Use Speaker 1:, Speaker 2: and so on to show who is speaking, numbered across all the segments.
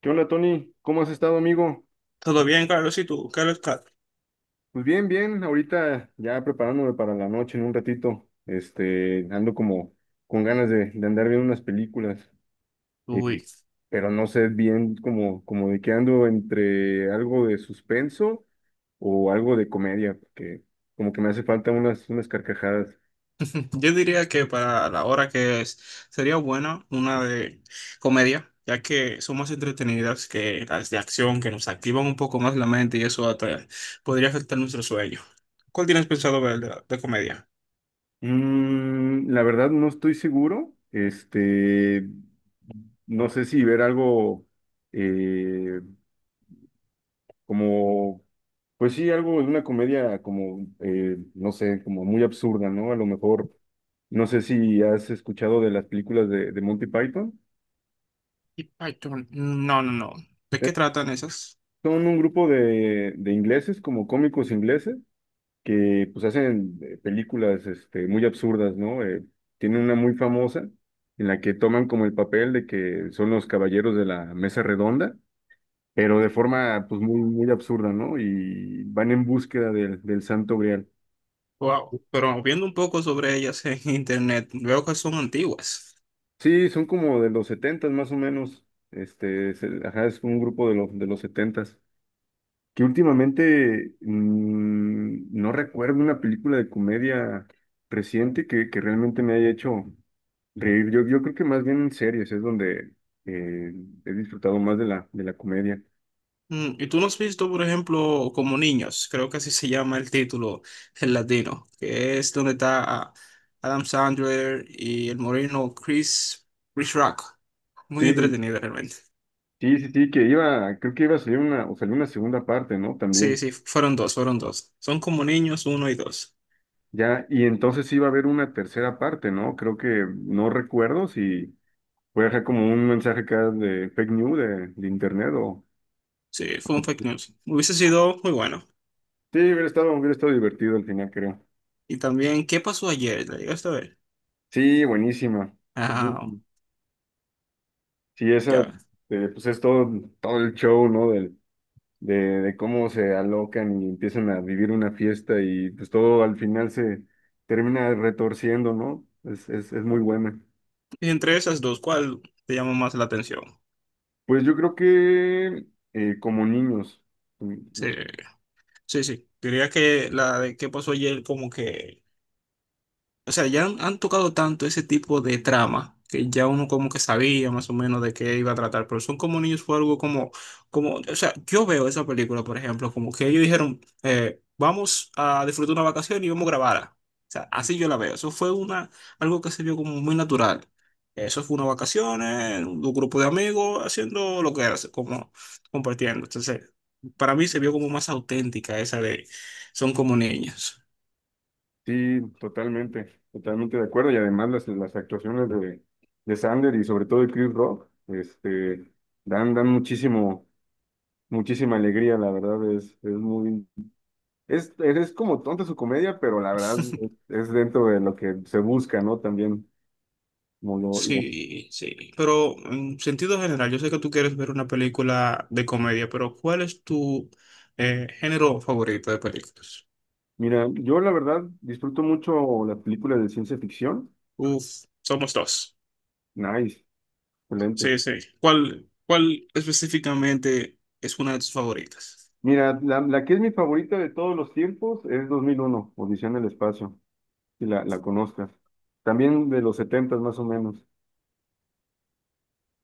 Speaker 1: ¿Qué onda, Tony? ¿Cómo has estado, amigo?
Speaker 2: Todo bien, Carlos, ¿y tú? ¿Qué lo está?
Speaker 1: Pues bien, bien, ahorita ya preparándome para la noche en un ratito. Ando como con ganas de andar viendo unas películas, eh,
Speaker 2: Uy,
Speaker 1: pero no sé bien como, como de qué ando entre algo de suspenso o algo de comedia, porque como que me hace falta unas, unas carcajadas.
Speaker 2: yo diría que para la hora que es, sería buena una de comedia, ya que son más entretenidas que las de acción, que nos activan un poco más la mente y eso hasta podría afectar nuestro sueño. ¿Cuál tienes pensado ver de comedia?
Speaker 1: La verdad no estoy seguro. No sé si ver algo. eh, Como, pues sí, algo de una comedia como, no sé, como muy absurda, ¿no? A lo mejor, no sé si has escuchado de las películas de Monty Python.
Speaker 2: Y Python. No, no, no. ¿De qué
Speaker 1: Eh,
Speaker 2: tratan esas?
Speaker 1: Son un grupo de ingleses, como cómicos ingleses, que pues hacen películas muy absurdas, ¿no? Tienen una muy famosa en la que toman como el papel de que son los caballeros de la mesa redonda, pero de forma pues muy, muy absurda, ¿no? Y van en búsqueda del Santo Grial.
Speaker 2: Wow. Pero viendo un poco sobre ellas en internet, veo que son antiguas.
Speaker 1: Sí, son como de los setentas más o menos. Ajá, es un grupo de los setentas. Que últimamente no recuerdo una película de comedia reciente que realmente me haya hecho reír. Yo creo que más bien en series es donde eh, he disfrutado más de la comedia.
Speaker 2: Mm, ¿y tú no has visto, por ejemplo, Como Niños? Creo que así se llama el título en latino, que es donde está Adam Sandler y el moreno Chris, Chris Rock. Muy
Speaker 1: Sí,
Speaker 2: entretenido realmente.
Speaker 1: sí, sí, sí, que iba, creo que iba a salir una, o salió una segunda parte, ¿no?
Speaker 2: Sí,
Speaker 1: También.
Speaker 2: sí, fueron dos, fueron dos. Son Como Niños uno y dos.
Speaker 1: Ya, y entonces iba a haber una tercera parte, ¿no? Creo que no recuerdo si. Voy a dejar como un mensaje acá de fake news de internet o...
Speaker 2: Sí, fue un fake news. Hubiese sido muy bueno.
Speaker 1: Sí, hubiera estado divertido al final, creo.
Speaker 2: Y también, ¿qué pasó ayer? ¿La llegaste a ver?
Speaker 1: Sí, buenísima.
Speaker 2: Ah,
Speaker 1: Sí, esa,
Speaker 2: ya.
Speaker 1: pues es todo, todo el show, ¿no? De, de cómo se alocan y empiezan a vivir una fiesta y pues todo al final se termina retorciendo, ¿no? Es muy buena.
Speaker 2: Y entre esas dos, ¿cuál te llamó más la atención?
Speaker 1: Pues yo creo que como niños.
Speaker 2: Sí, sí, sí. Diría que la de qué pasó ayer como que, o sea, ya han tocado tanto ese tipo de trama que ya uno como que sabía más o menos de qué iba a tratar, pero Son como niños fue algo como, como, o sea, yo veo esa película, por ejemplo, como que ellos dijeron, vamos a disfrutar una vacación y vamos a grabarla. O sea, así yo la veo. Eso fue una, algo que se vio como muy natural. Eso fue una vacaciones, un grupo de amigos haciendo lo que era, como compartiendo. Entonces, para mí se vio como más auténtica esa de, son como niños.
Speaker 1: Sí, totalmente, totalmente de acuerdo. Y además las actuaciones de Sander y sobre todo de Chris Rock, dan, dan muchísimo, muchísima alegría, la verdad, es muy, es como tonta su comedia, pero la verdad es dentro de lo que se busca, ¿no? También, como lo- lo-
Speaker 2: Sí, sí, pero en sentido general, yo sé que tú quieres ver una película de comedia, pero ¿cuál es tu género favorito de películas?
Speaker 1: mira, yo la verdad disfruto mucho las películas de ciencia ficción.
Speaker 2: Uf, somos dos.
Speaker 1: Nice, excelente.
Speaker 2: Sí, sí. ¿Cuál, cuál específicamente es una de tus favoritas?
Speaker 1: Mira, la que es mi favorita de todos los tiempos es dos mil uno Odisea en el espacio. Si la, la conozcas. También de los 70 más o menos.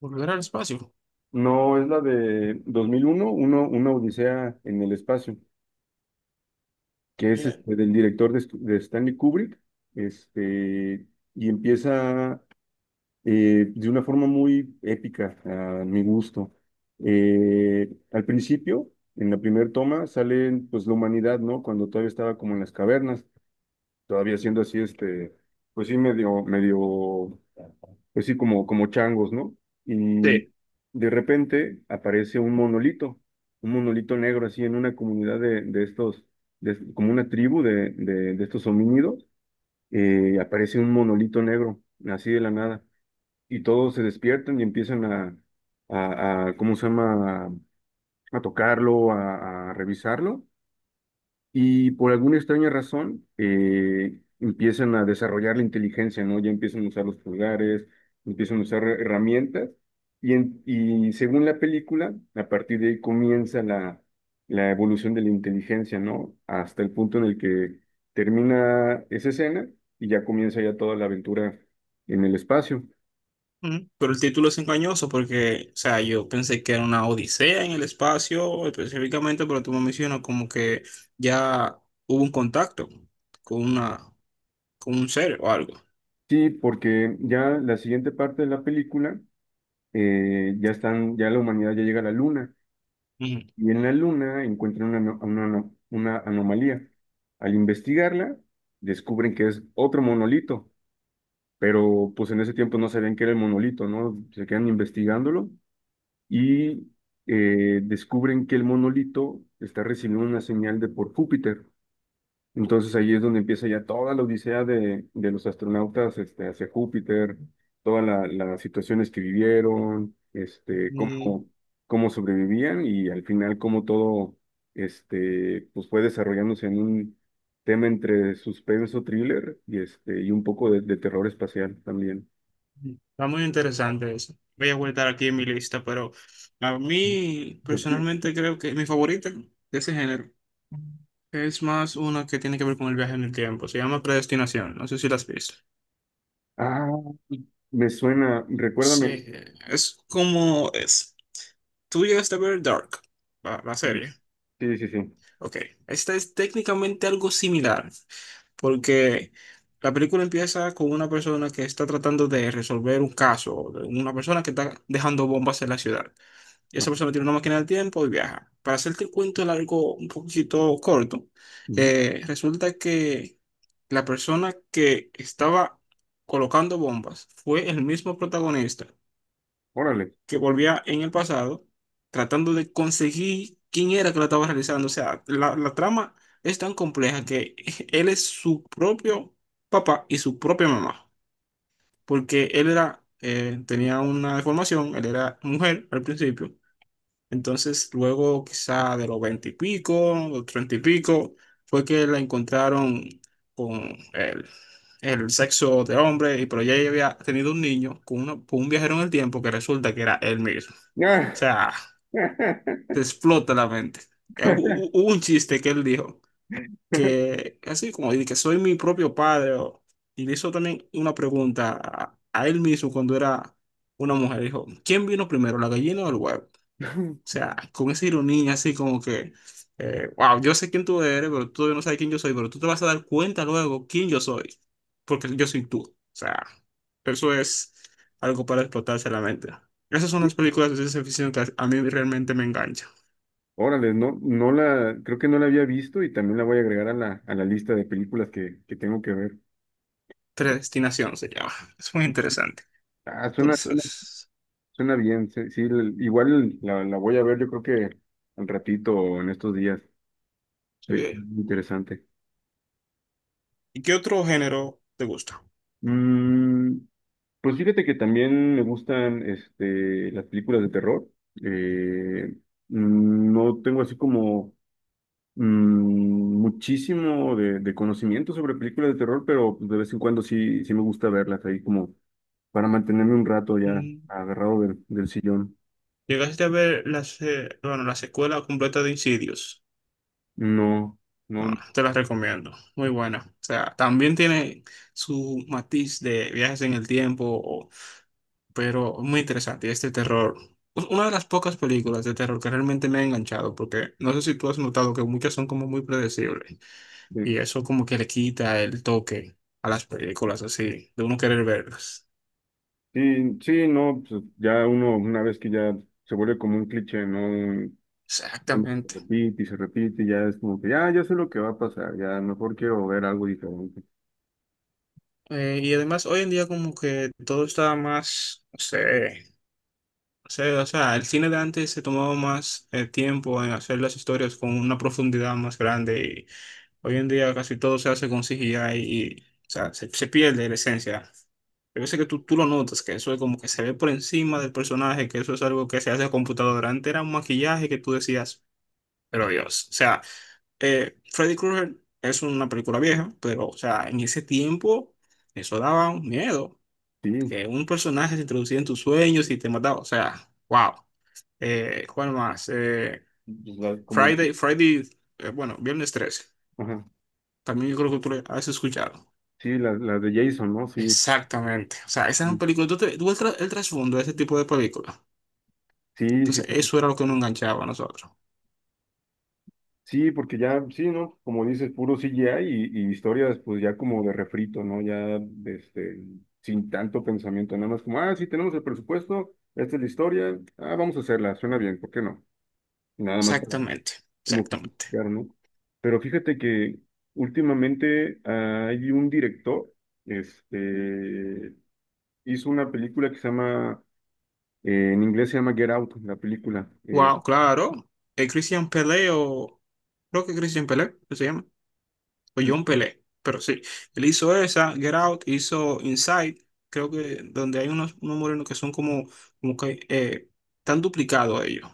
Speaker 2: Volver al espacio.
Speaker 1: No, es la de 2001, uno, uno, una Odisea en el espacio, que es
Speaker 2: Bien.
Speaker 1: del director de, de Stanley Kubrick, este, y empieza de una forma muy épica, a mi gusto. Al principio, en la primera toma, sale pues, la humanidad, ¿no? Cuando todavía estaba como en las cavernas, todavía siendo así, pues sí, medio, medio, pues sí, como, como changos, ¿no? Y
Speaker 2: Sí.
Speaker 1: de repente aparece un monolito negro así en una comunidad de estos, de- como una tribu de estos homínidos, aparece un monolito negro, así de la nada, y todos se despiertan y empiezan a, ¿cómo se llama? A tocarlo, a revisarlo. Y por alguna extraña razón, empiezan a desarrollar la inteligencia, ¿no? Ya empiezan a usar los pulgares, empiezan a usar herramientas. Y según la película, a partir de ahí comienza la evolución de la inteligencia, ¿no? Hasta el punto en el que termina esa escena y ya comienza ya toda la aventura en el espacio.
Speaker 2: Ujú. Pero el título es engañoso porque, o sea, yo pensé que era una odisea en el espacio específicamente, pero tú me mencionas como que ya hubo un contacto con una, con un ser o algo.
Speaker 1: Sí, porque ya la siguiente parte de la película, ya están, ya la humanidad ya llega a la luna.
Speaker 2: Ujú.
Speaker 1: Y en la Luna encuentran una, una anomalía. Al investigarla, descubren que es otro monolito, pero pues en ese tiempo no sabían que era el monolito, ¿no? Se quedan investigándolo y descubren que el monolito está recibiendo una señal de por Júpiter. Entonces ahí es donde empieza ya toda la odisea de los astronautas hacia Júpiter, las situaciones que vivieron,
Speaker 2: Mm,
Speaker 1: cómo, cómo sobrevivían y al final cómo todo pues fue desarrollándose en un tema entre suspenso, thriller y, y un poco de terror espacial también.
Speaker 2: está muy interesante eso. Voy a guardar aquí en mi lista, pero a mí
Speaker 1: Pues, sí.
Speaker 2: personalmente creo que mi favorita de ese género es más una que tiene que ver con el viaje en el tiempo. Se llama Predestinación. No sé si la has visto.
Speaker 1: Ah, me suena,
Speaker 2: Sí,
Speaker 1: recuérdame.
Speaker 2: es como es. Tú llegaste a ver Dark, la
Speaker 1: Sí,
Speaker 2: serie.
Speaker 1: sí, sí. Sí.
Speaker 2: Ok, esta es técnicamente algo similar, porque la película empieza con una persona que está tratando de resolver un caso, de una persona que está dejando bombas en la ciudad. Y
Speaker 1: Ah,
Speaker 2: esa persona tiene una máquina del tiempo y viaja. Para hacerte el cuento largo, un poquito corto,
Speaker 1: ujú.
Speaker 2: resulta que la persona que estaba colocando bombas fue el mismo protagonista
Speaker 1: Órale.
Speaker 2: que volvía en el pasado tratando de conseguir quién era que la estaba realizando. O sea, la trama es tan compleja que él es su propio papá y su propia mamá, porque él era, tenía una deformación, él era mujer al principio, entonces luego quizá de los veinte y pico, los treinta y pico, fue que la encontraron con el sexo de hombre, y pero ya ella había tenido un niño con, con un viajero en el tiempo que resulta que era él mismo. O
Speaker 1: Ah.
Speaker 2: sea, te explota la mente. Hubo un chiste que él dijo, que así como dice que soy mi propio padre, o- y le hizo también una pregunta a él mismo cuando era una mujer. Dijo, ¿quién vino primero, la gallina o el huevo? O sea, con esa ironía así como que, wow, yo sé quién tú eres, pero tú todavía no sabes quién yo soy, pero tú te vas a dar cuenta luego quién yo soy, porque yo soy tú. O sea, eso es algo para explotarse la mente. Esas son las películas de ciencia ficción que a mí realmente me enganchan.
Speaker 1: Órale, no, no la, creo que no la había visto y también la voy a agregar a la lista de películas que tengo que ver.
Speaker 2: Predestinación se llama. Es muy interesante.
Speaker 1: Ah, suena, suena,
Speaker 2: Entonces,
Speaker 1: suena bien, sí, sí, igual la voy a ver yo creo que al ratito o en estos días. Sí,
Speaker 2: sí.
Speaker 1: interesante.
Speaker 2: ¿Y qué otro género te gusta?
Speaker 1: Mm, pues fíjate que también me gustan las películas de terror. Eh, no tengo así como muchísimo de conocimiento sobre películas de terror, pero pues, de vez en cuando sí, sí me gusta verlas ahí como para mantenerme un rato ya
Speaker 2: Mm,
Speaker 1: agarrado del sillón.
Speaker 2: ¿llegaste a ver la, se- bueno, la secuela completa de Insidious?
Speaker 1: No, no,
Speaker 2: Bueno, te la recomiendo, muy buena. O sea, también tiene su matiz de viajes en el tiempo, o- pero muy interesante. Este terror, u- una de las pocas películas de terror que realmente me ha enganchado, porque no sé si tú has notado que muchas son como muy predecibles. Y
Speaker 1: sí,
Speaker 2: eso como que le quita el toque a las películas así, de uno querer verlas.
Speaker 1: sí, sí, no, pues, ya uno, una vez que ya se vuelve como un cliché, ¿no? Uno
Speaker 2: Exactamente.
Speaker 1: se repite, y ya es como que ya, ya sé lo que va a pasar, ya mejor quiero ver algo diferente.
Speaker 2: Y además hoy en día como que todo está más, no sé, no sé, o sea, el cine de antes se tomaba más tiempo en hacer las historias con una profundidad más grande y hoy en día casi todo se hace con CGI y, o sea, se pierde la esencia. Yo veces que tú lo notas, que eso es como que se ve por encima del personaje, que eso es algo que se hace a computadora. Antes era un maquillaje que tú decías, pero Dios, o sea, Freddy Krueger es una película vieja, pero, o sea, en ese tiempo eso daba un miedo,
Speaker 1: Sí,
Speaker 2: que un personaje se introducía en tus sueños y te mataba, o sea, wow. ¿Cuál más?
Speaker 1: pues, como,
Speaker 2: Friday, Friday, bueno, Viernes 13,
Speaker 1: ajá,
Speaker 2: también yo creo que tú le has escuchado.
Speaker 1: sí, las de Jason, ¿no? Sí,
Speaker 2: Exactamente, o sea, esas son películas, tú, tú ves el, el trasfondo de ese tipo de películas.
Speaker 1: sí, sí.
Speaker 2: Entonces, eso era lo que nos enganchaba a nosotros.
Speaker 1: Sí, porque ya, sí, ¿no? Como dices, puro CGI y historias, pues ya como de refrito, ¿no? Ya, este, sin tanto pensamiento, nada más como, ah, sí, tenemos el presupuesto, esta es la historia, ah, vamos a hacerla, suena bien, ¿por qué no? Nada más para,
Speaker 2: Exactamente,
Speaker 1: como
Speaker 2: exactamente.
Speaker 1: justificar, ¿no? Pero fíjate que últimamente hay un director, este, hizo una película que se llama, en inglés se llama Get Out, la película.
Speaker 2: Wow, claro. El Christian Pelé o... Creo que Christian Pelé, ¿qué se llama? O John Pelé, pero sí, él hizo esa, Get Out, hizo Inside, creo que donde hay unos, unos morenos que son como, como que están duplicados a ellos.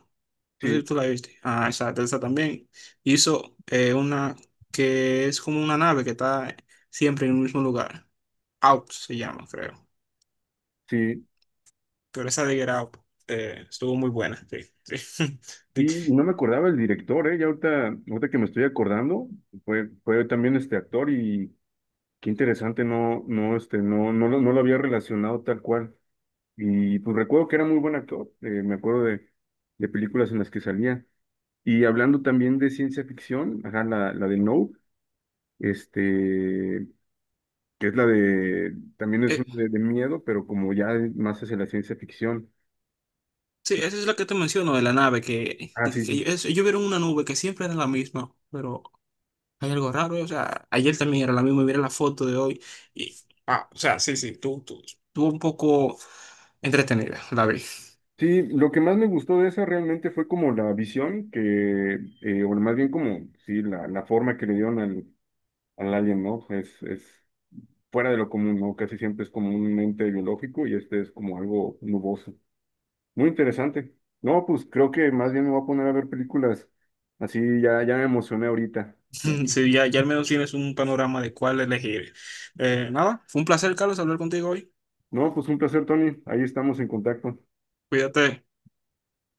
Speaker 2: No sé si
Speaker 1: Sí,
Speaker 2: tú la viste. Ah, esa también. Hizo una que es como una nave que está siempre en el mismo lugar. Out se llama, creo.
Speaker 1: sí.
Speaker 2: Pero esa de Get Out estuvo muy buena. Sí, sí. De que-
Speaker 1: Sí, no me acordaba el director, ¿eh? Ya ahorita, ahorita que me estoy acordando, fue, fue también este actor y qué interesante, no, no, no, no, no lo había relacionado tal cual. Y pues recuerdo que era muy buen actor, me acuerdo de películas en las que salía. Y hablando también de ciencia ficción, ajá, la de No, este, que es la de, también es una
Speaker 2: eh,
Speaker 1: de miedo, pero como ya más hacia la ciencia ficción.
Speaker 2: sí, esa es la que te menciono de la nave, que,
Speaker 1: Ah,
Speaker 2: de
Speaker 1: sí,
Speaker 2: que
Speaker 1: sí.
Speaker 2: ellos vieron una nube que siempre era la misma, pero hay algo raro, o sea, ayer también era la misma, mira la foto de hoy. Y, ah, o sea, sí, sí, tú, estuvo un poco entretenida, la vi.
Speaker 1: Sí, lo que más me gustó de esa realmente fue como la visión que, o más bien como, sí, la forma que le dieron al, al alien, ¿no? Es fuera de lo común, ¿no? Casi siempre es como un ente biológico y este es como algo nuboso. Muy interesante. No, pues creo que más bien me voy a poner a ver películas. Así ya, ya me emocioné ahorita. Ya.
Speaker 2: Sí, ya, ya al menos tienes un panorama de cuál elegir. Nada, fue un placer, Carlos, hablar contigo hoy.
Speaker 1: No, pues un placer, Tony. Ahí estamos en contacto.
Speaker 2: Cuídate.